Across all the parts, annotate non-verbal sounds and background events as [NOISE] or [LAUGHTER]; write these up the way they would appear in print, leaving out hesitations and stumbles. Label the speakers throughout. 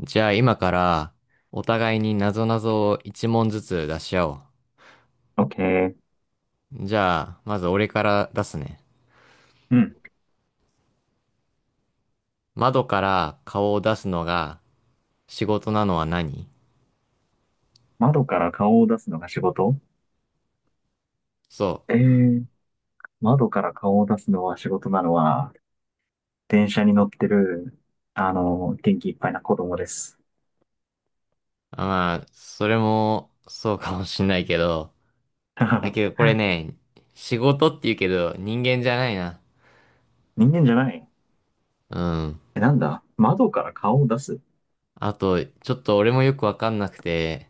Speaker 1: じゃあ今からお互いになぞなぞを一問ずつ出し合おう。
Speaker 2: OK。
Speaker 1: じゃあ、まず俺から出すね。
Speaker 2: うん。
Speaker 1: 窓から顔を出すのが仕事なのは何？
Speaker 2: 窓から顔を出すのが仕事。
Speaker 1: そ
Speaker 2: え
Speaker 1: う。
Speaker 2: ー、窓から顔を出すのは仕事なのは、電車に乗ってる、あの、元気いっぱいな子供です。
Speaker 1: まあ、それもそうかもしんないけど。だけどこ
Speaker 2: [LAUGHS]
Speaker 1: れね、仕事って言うけど人間じゃないな。
Speaker 2: 人間じゃない。
Speaker 1: うん。
Speaker 2: え、なんだ窓から顔を出す。
Speaker 1: あと、ちょっと俺もよくわかんなくて、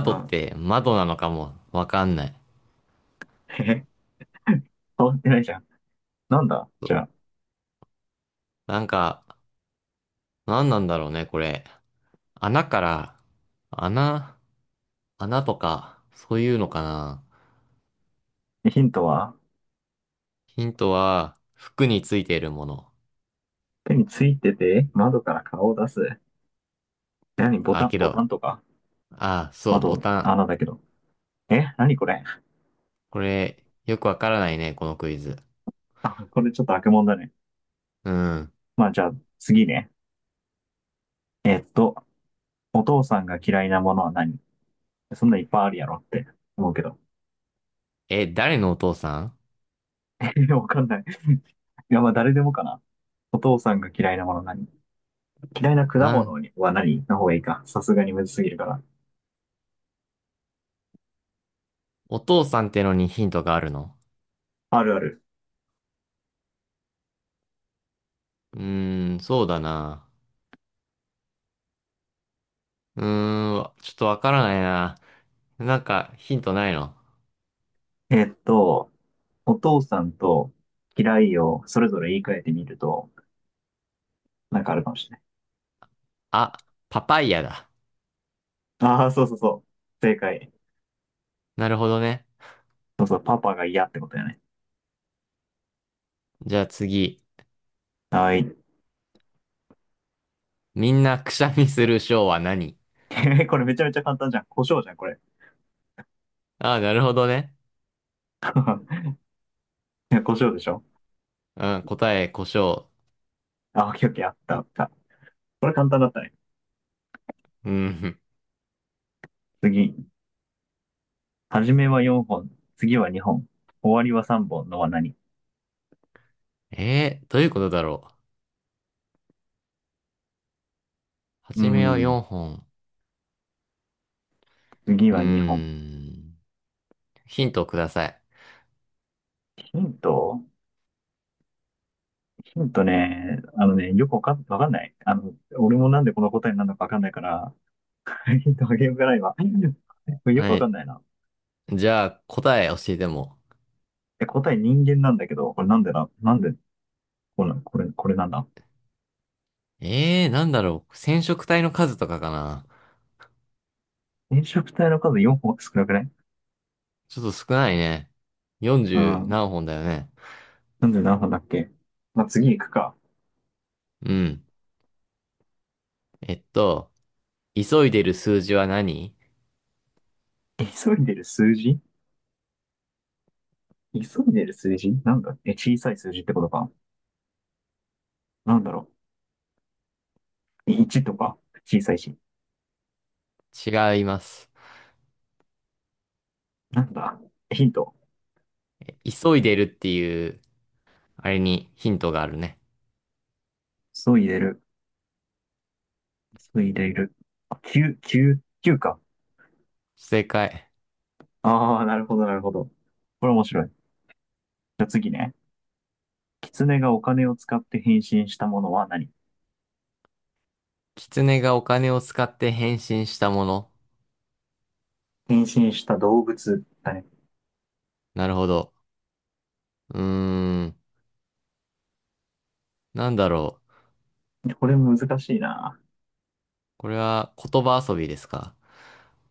Speaker 2: う
Speaker 1: っ
Speaker 2: ん。
Speaker 1: て窓なのかもわかんない。
Speaker 2: へへ、変わってないじゃん。なんだ。じゃ
Speaker 1: なんか、何なんだろうね、これ。穴から、穴、穴とか、そういうのかな。
Speaker 2: あ、ヒントは、
Speaker 1: ヒントは、服についているもの。
Speaker 2: 手についてて、窓から顔を出す。何ボ
Speaker 1: あ、
Speaker 2: タン、
Speaker 1: け
Speaker 2: ボ
Speaker 1: ど、
Speaker 2: タンとか。
Speaker 1: あ、そう、ボ
Speaker 2: 窓、
Speaker 1: タン。
Speaker 2: 穴だけど。え、何これ。
Speaker 1: これ、よくわからないね、このクイズ。
Speaker 2: あ、[LAUGHS] これちょっと悪もんだね。
Speaker 1: うん。
Speaker 2: まあじゃあ、次ね。えっと、お父さんが嫌いなものは何。そんなんいっぱいあるやろって思うけど。
Speaker 1: え、誰のお父さん？
Speaker 2: [LAUGHS] わかんない。いや、まあ誰でもかな。お父さんが嫌いなもの何。嫌いな果
Speaker 1: な
Speaker 2: 物
Speaker 1: ん、
Speaker 2: は何の方がいいか。さすがにむずすぎるから。
Speaker 1: お父さんってのにヒントがあるの？
Speaker 2: あるある。
Speaker 1: そうだな。ちょっとわからないな。なんか、ヒントないの？
Speaker 2: えっと、お父さんと嫌いをそれぞれ言い換えてみると、なんかあるかもしれない。
Speaker 1: あ、パパイヤだ。
Speaker 2: ああ、そうそうそう。正解。
Speaker 1: なるほどね。
Speaker 2: そうそう、パパが嫌ってことやね。
Speaker 1: じゃあ次。
Speaker 2: はい。
Speaker 1: みんなくしゃみするショーは何？
Speaker 2: [LAUGHS] これめちゃめちゃ簡単じゃん。胡椒じゃん、これ。[LAUGHS] い
Speaker 1: ああ、[LAUGHS] なるほどね。
Speaker 2: や、胡椒でしょ。
Speaker 1: うん、答え、胡椒。
Speaker 2: あ、オッケーオッケー、あったあった。これ簡単だったね。
Speaker 1: うん。
Speaker 2: 次。初めは4本、次は2本、終わりは3本のは何。
Speaker 1: どういうことだろう。は
Speaker 2: うー
Speaker 1: じめは
Speaker 2: ん、
Speaker 1: 4本。
Speaker 2: 次
Speaker 1: うー
Speaker 2: は2本。
Speaker 1: ん。ヒントをください。
Speaker 2: ヒント。ヒントね、あのね、よくわかんない。俺もなんでこの答えになるのかわかんないから、[LAUGHS] ヒントあげようかな、今。これよく
Speaker 1: は
Speaker 2: わか
Speaker 1: い。
Speaker 2: んないな。
Speaker 1: じゃあ、答え教えても。
Speaker 2: え、答え人間なんだけど、これなんで、これなんだ。
Speaker 1: なんだろう。染色体の数とかかな。
Speaker 2: 染色体の数4本少なくない？
Speaker 1: ちょっと少ないね。
Speaker 2: う
Speaker 1: 40
Speaker 2: ん。
Speaker 1: 何本だよね。
Speaker 2: なんで何本だっけ？まあ、次行くか。
Speaker 1: うん。えっと、急いでる数字は何？
Speaker 2: 急いでる数字。急いでる数字なんだ。え、小さい数字ってことか？なんだろ。1とか、小さいし。
Speaker 1: 違います。
Speaker 2: なんだ、ヒント。
Speaker 1: 急いでるっていう、あれにヒントがあるね。
Speaker 2: そう入れる。そう入れる。あ、9、9、きゅうか。
Speaker 1: 正解。
Speaker 2: ああ、なるほど、なるほど。これ面白い。じゃあ次ね。狐がお金を使って変身したものは何？
Speaker 1: 狐がお金を使って変身したもの。
Speaker 2: 変身した動物だね。
Speaker 1: なるほど。うーん。なんだろう。
Speaker 2: これ難しいな。
Speaker 1: これは言葉遊びですか？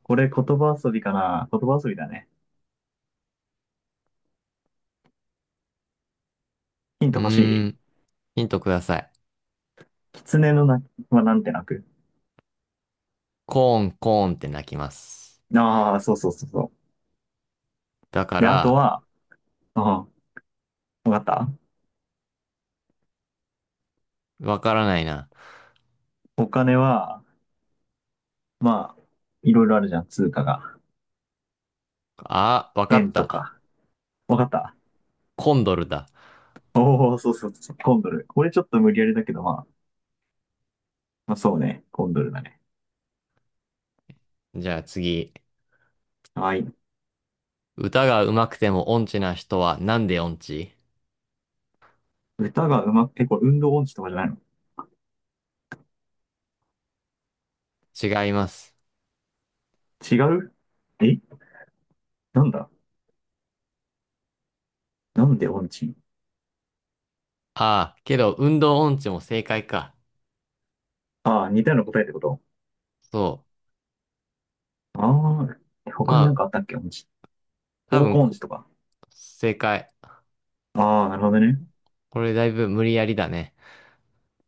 Speaker 2: これ言葉遊びかな。言葉遊びだね。ヒン
Speaker 1: う
Speaker 2: ト欲し
Speaker 1: ーん。
Speaker 2: い。
Speaker 1: ヒントください。
Speaker 2: 狐の鳴きはなんて鳴く？
Speaker 1: コーン、コーンって鳴きます。
Speaker 2: ああ、そうそうそうそ
Speaker 1: だか
Speaker 2: う。で、あと
Speaker 1: ら、
Speaker 2: は、うん、わかった。
Speaker 1: わからないな。
Speaker 2: お金は、まあ、いろいろあるじゃん、通貨が。
Speaker 1: あ、わかっ
Speaker 2: 円と
Speaker 1: た。
Speaker 2: か。わかった。
Speaker 1: コンドルだ。
Speaker 2: おお、そうそうそう、コンドル。これちょっと無理やりだけど、まあ、まあ、そうね、コンドルだね。
Speaker 1: じゃあ次。
Speaker 2: はい。
Speaker 1: 歌が上手くても音痴な人はなんで音痴？
Speaker 2: 歌がうまく、え、これ運動音痴とかじゃないの？
Speaker 1: 違います。
Speaker 2: 違う？え、なんだ。なんで音痴？
Speaker 1: ああ、けど運動音痴も正解か。
Speaker 2: ああー、似たような答えってこと？
Speaker 1: そ
Speaker 2: ああ、え
Speaker 1: う。
Speaker 2: 他
Speaker 1: ま
Speaker 2: になん
Speaker 1: あ、
Speaker 2: かあったっけ音痴。
Speaker 1: 多
Speaker 2: 方
Speaker 1: 分
Speaker 2: 向音
Speaker 1: こ、
Speaker 2: 痴とか。
Speaker 1: 正解。
Speaker 2: ああ、なるほどね。
Speaker 1: これだいぶ無理やりだね。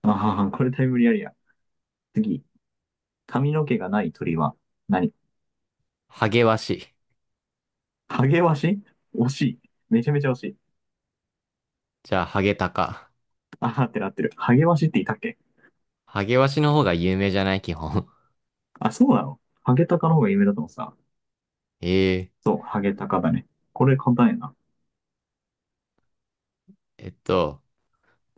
Speaker 2: ああ、これだいぶ無理やりや。次。髪の毛がない鳥は何。
Speaker 1: ハゲワシ。
Speaker 2: ハゲワシ？惜しい。めちゃめちゃ惜しい。
Speaker 1: じゃあ、ハゲタカ。
Speaker 2: ああってなってる。ハゲワシっていたっけ？
Speaker 1: ハゲワシの方が有名じゃない基本？
Speaker 2: あ、そうなの？ハゲタカの方が有名だと思ってた。
Speaker 1: [LAUGHS] ええ。
Speaker 2: そう、ハゲタカだね。これ簡単やな。
Speaker 1: えっと、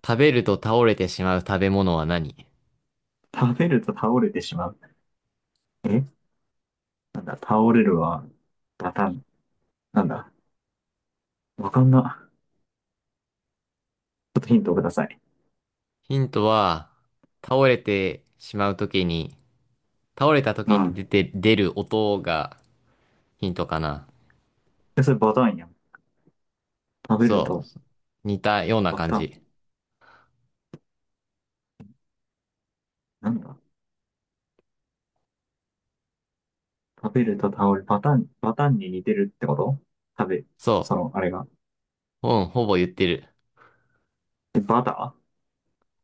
Speaker 1: 食べると倒れてしまう食べ物は何？
Speaker 2: 食べると倒れてしまう。え、なんだ、倒れるは、バタン。なんだ、わかんな。ちょっとヒントください。
Speaker 1: ヒントは、倒れてしまうときに、倒れたと
Speaker 2: う
Speaker 1: きに出
Speaker 2: ん。
Speaker 1: て、出る音が、ヒントかな。
Speaker 2: え、それバタンやん。食べる
Speaker 1: そ
Speaker 2: と、
Speaker 1: う。似たような
Speaker 2: バ
Speaker 1: 感
Speaker 2: タン。
Speaker 1: じ。
Speaker 2: なんだ。食べると倒れ、バタン、バタンに似てるってこと？食べ、
Speaker 1: そ
Speaker 2: その、あれが。
Speaker 1: う。うん、ほぼ言ってる。
Speaker 2: え、バター？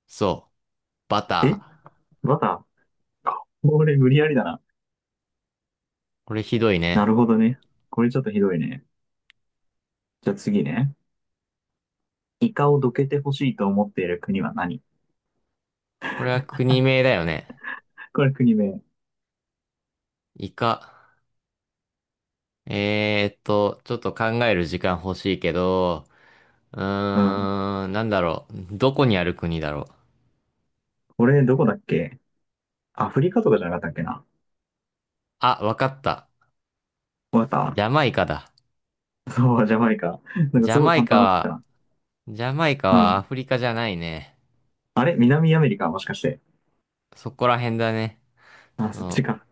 Speaker 1: そう。バ
Speaker 2: え、
Speaker 1: ター。
Speaker 2: バター。これ無理やりだな。
Speaker 1: これひどい
Speaker 2: な
Speaker 1: ね。
Speaker 2: るほどね。これちょっとひどいね。じゃあ次ね。イカをどけてほしいと思っている国は何。
Speaker 1: これは国名だよね。
Speaker 2: これ国名。
Speaker 1: イカ。えーっと、ちょっと考える時間欲しいけど、う
Speaker 2: うん。
Speaker 1: ーん、なんだろう。どこにある国だろう。
Speaker 2: これどこだっけ？アフリカとかじゃなかったっけな。
Speaker 1: あ、わかった。
Speaker 2: わか
Speaker 1: ジャ
Speaker 2: っ
Speaker 1: マイカだ。
Speaker 2: た。そう、ジャマイカ。なんか
Speaker 1: ジ
Speaker 2: す
Speaker 1: ャ
Speaker 2: ごい
Speaker 1: マイ
Speaker 2: 簡
Speaker 1: カ
Speaker 2: 単になってきた
Speaker 1: は、
Speaker 2: な。
Speaker 1: ジャマイカ
Speaker 2: う
Speaker 1: はア
Speaker 2: ん。
Speaker 1: フリカじゃないね。
Speaker 2: あれ南アメリカもしかして。
Speaker 1: そこら辺だね。
Speaker 2: あ、
Speaker 1: そ
Speaker 2: そっち
Speaker 1: の、
Speaker 2: か。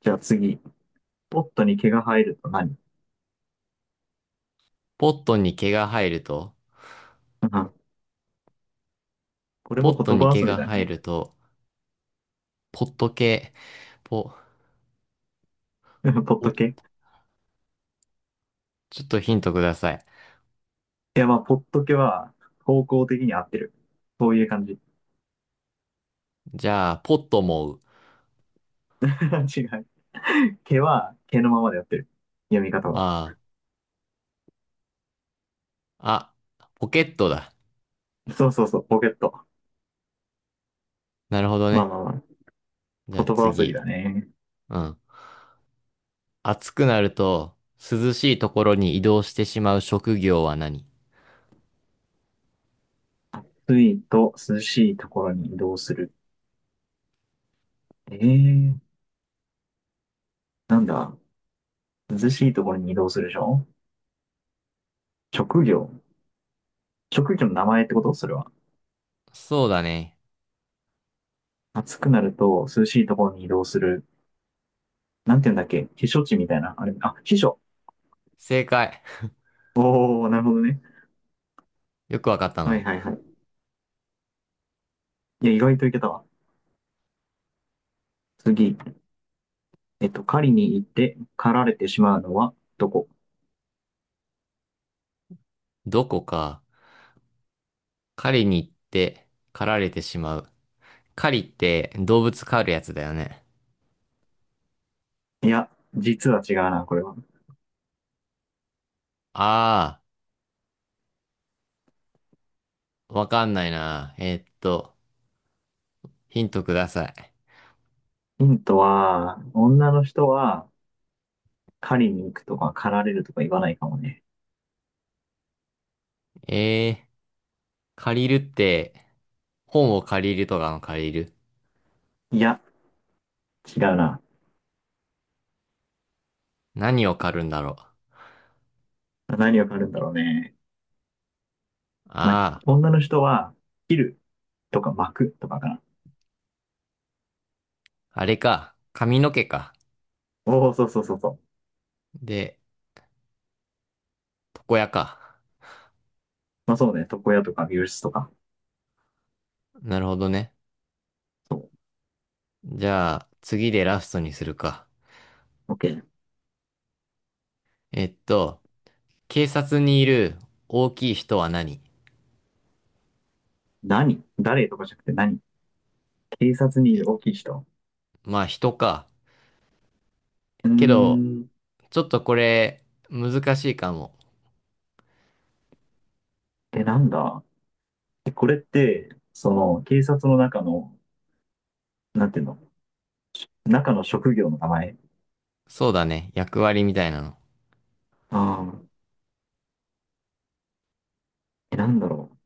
Speaker 2: じゃあ次。ポットに毛が生えると何？
Speaker 1: ポットに毛が生えると、
Speaker 2: うん。これ
Speaker 1: ポ
Speaker 2: も
Speaker 1: ット
Speaker 2: 言
Speaker 1: に
Speaker 2: 葉
Speaker 1: 毛
Speaker 2: 遊び
Speaker 1: が
Speaker 2: だ
Speaker 1: 生え
Speaker 2: ね。
Speaker 1: ると、ポット系、ポ、
Speaker 2: [LAUGHS] ポッ
Speaker 1: ポ、
Speaker 2: ト毛。い
Speaker 1: ちょっとヒントください。
Speaker 2: や、まあ、ポット毛は方向的に合ってる。そういう感じ。
Speaker 1: じゃあ、ポットもう。
Speaker 2: [LAUGHS] 違う。毛は毛のままでやってる。読み方は。
Speaker 1: ああ、ポケットだ。
Speaker 2: そうそうそう、ポケット。
Speaker 1: なるほど
Speaker 2: まあ
Speaker 1: ね。
Speaker 2: まあま
Speaker 1: じゃ
Speaker 2: あ、
Speaker 1: あ
Speaker 2: 言葉遊びだ
Speaker 1: 次。
Speaker 2: ね。
Speaker 1: うん。暑くなると、涼しいところに移動してしまう職業は何？
Speaker 2: 暑いと涼しいところに移動する。ええー、なんだ。涼しいところに移動するでしょ？職業。職業の名前ってこと、それは。
Speaker 1: そうだね。
Speaker 2: 暑くなると涼しいところに移動する。なんて言うんだっけ、避暑地みたいな。あれ、あ、避暑。
Speaker 1: 正解。[LAUGHS]
Speaker 2: おー、なるほどね。
Speaker 1: よくわかった
Speaker 2: はい
Speaker 1: な。
Speaker 2: はいはい。いや、意外といけたわ。次。狩りに行って狩られてしまうのはどこ？
Speaker 1: どこか、狩りに行って、狩られてしまう。狩りって動物狩るやつだよね。
Speaker 2: いや、実は違うな、これは。
Speaker 1: ああ、わかんないな。えーっと、ヒントください。
Speaker 2: ヒントは、女の人は狩りに行くとか狩られるとか言わないかもね。
Speaker 1: えー、借りるって、本を借りるとかの借りる。
Speaker 2: いや、違うな。
Speaker 1: 何を借るんだろう。
Speaker 2: 何を狩るんだろうね。まあ、
Speaker 1: あ
Speaker 2: 女の人は、切るとか幕とかかな。
Speaker 1: あ、あれか。髪の毛か。
Speaker 2: おお、そうそうそうそう。
Speaker 1: で、床屋か。
Speaker 2: まあそうね、床屋とか美容室とか。
Speaker 1: なるほどね。
Speaker 2: そ
Speaker 1: じゃあ、次でラストにするか。
Speaker 2: う。OK。
Speaker 1: えっと、警察にいる大きい人は何？
Speaker 2: 何？誰とかじゃなくて何？警察にい
Speaker 1: え、
Speaker 2: る大きい人。
Speaker 1: まあ人か。
Speaker 2: うー
Speaker 1: けど、
Speaker 2: ん。
Speaker 1: ちょっとこれ難しいかも。
Speaker 2: え、なんだ。で、その、警察の中の、なんていうの？中の職業の名前。
Speaker 1: そうだね。役割みたいなの。
Speaker 2: ああ、え、なんだろ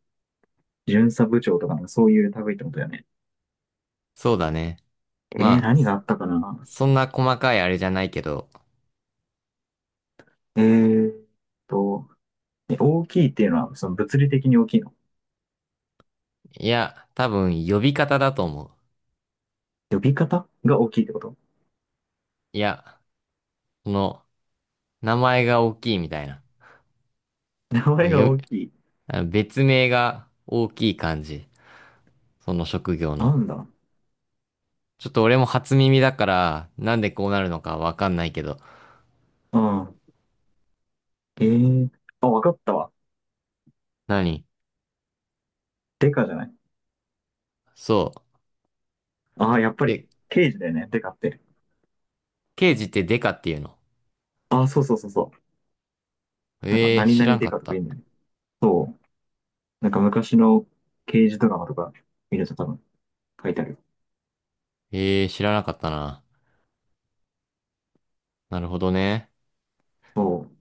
Speaker 2: う。巡査部長とかのそういう類ってことだよね。
Speaker 1: そうだね。まあ、
Speaker 2: 何が
Speaker 1: そ
Speaker 2: あったかな。
Speaker 1: そんな細かいあれじゃないけど。
Speaker 2: えーっと、大きいっていうのは、その、物理的に大きいの？
Speaker 1: いや、多分呼び方だと思う。
Speaker 2: 呼び方が大きいってこと？
Speaker 1: いや、この名前が大きいみたいな。
Speaker 2: 名前が
Speaker 1: よ、
Speaker 2: 大きい。
Speaker 1: あの別名が大きい感じ。その職業
Speaker 2: な
Speaker 1: の。
Speaker 2: んだ。
Speaker 1: ちょっと俺も初耳だから、なんでこうなるのかわかんないけど。
Speaker 2: うん。ええ。あ、わかったわ。
Speaker 1: 何？
Speaker 2: デカじゃない？
Speaker 1: そう。
Speaker 2: ああ、やっぱり、
Speaker 1: で、
Speaker 2: 刑事だよね、デカって。
Speaker 1: 刑事ってデカっていうの？
Speaker 2: ああ、そうそうそうそう。なんか、
Speaker 1: ええー、
Speaker 2: 何
Speaker 1: 知ら
Speaker 2: 々
Speaker 1: ん
Speaker 2: デ
Speaker 1: か
Speaker 2: カ
Speaker 1: っ
Speaker 2: とか
Speaker 1: た。
Speaker 2: 言うんだよね。そう。なんか、昔の刑事ドラマとか見ると多分書いてある。
Speaker 1: ええー、知らなかったな。なるほどね。
Speaker 2: そう。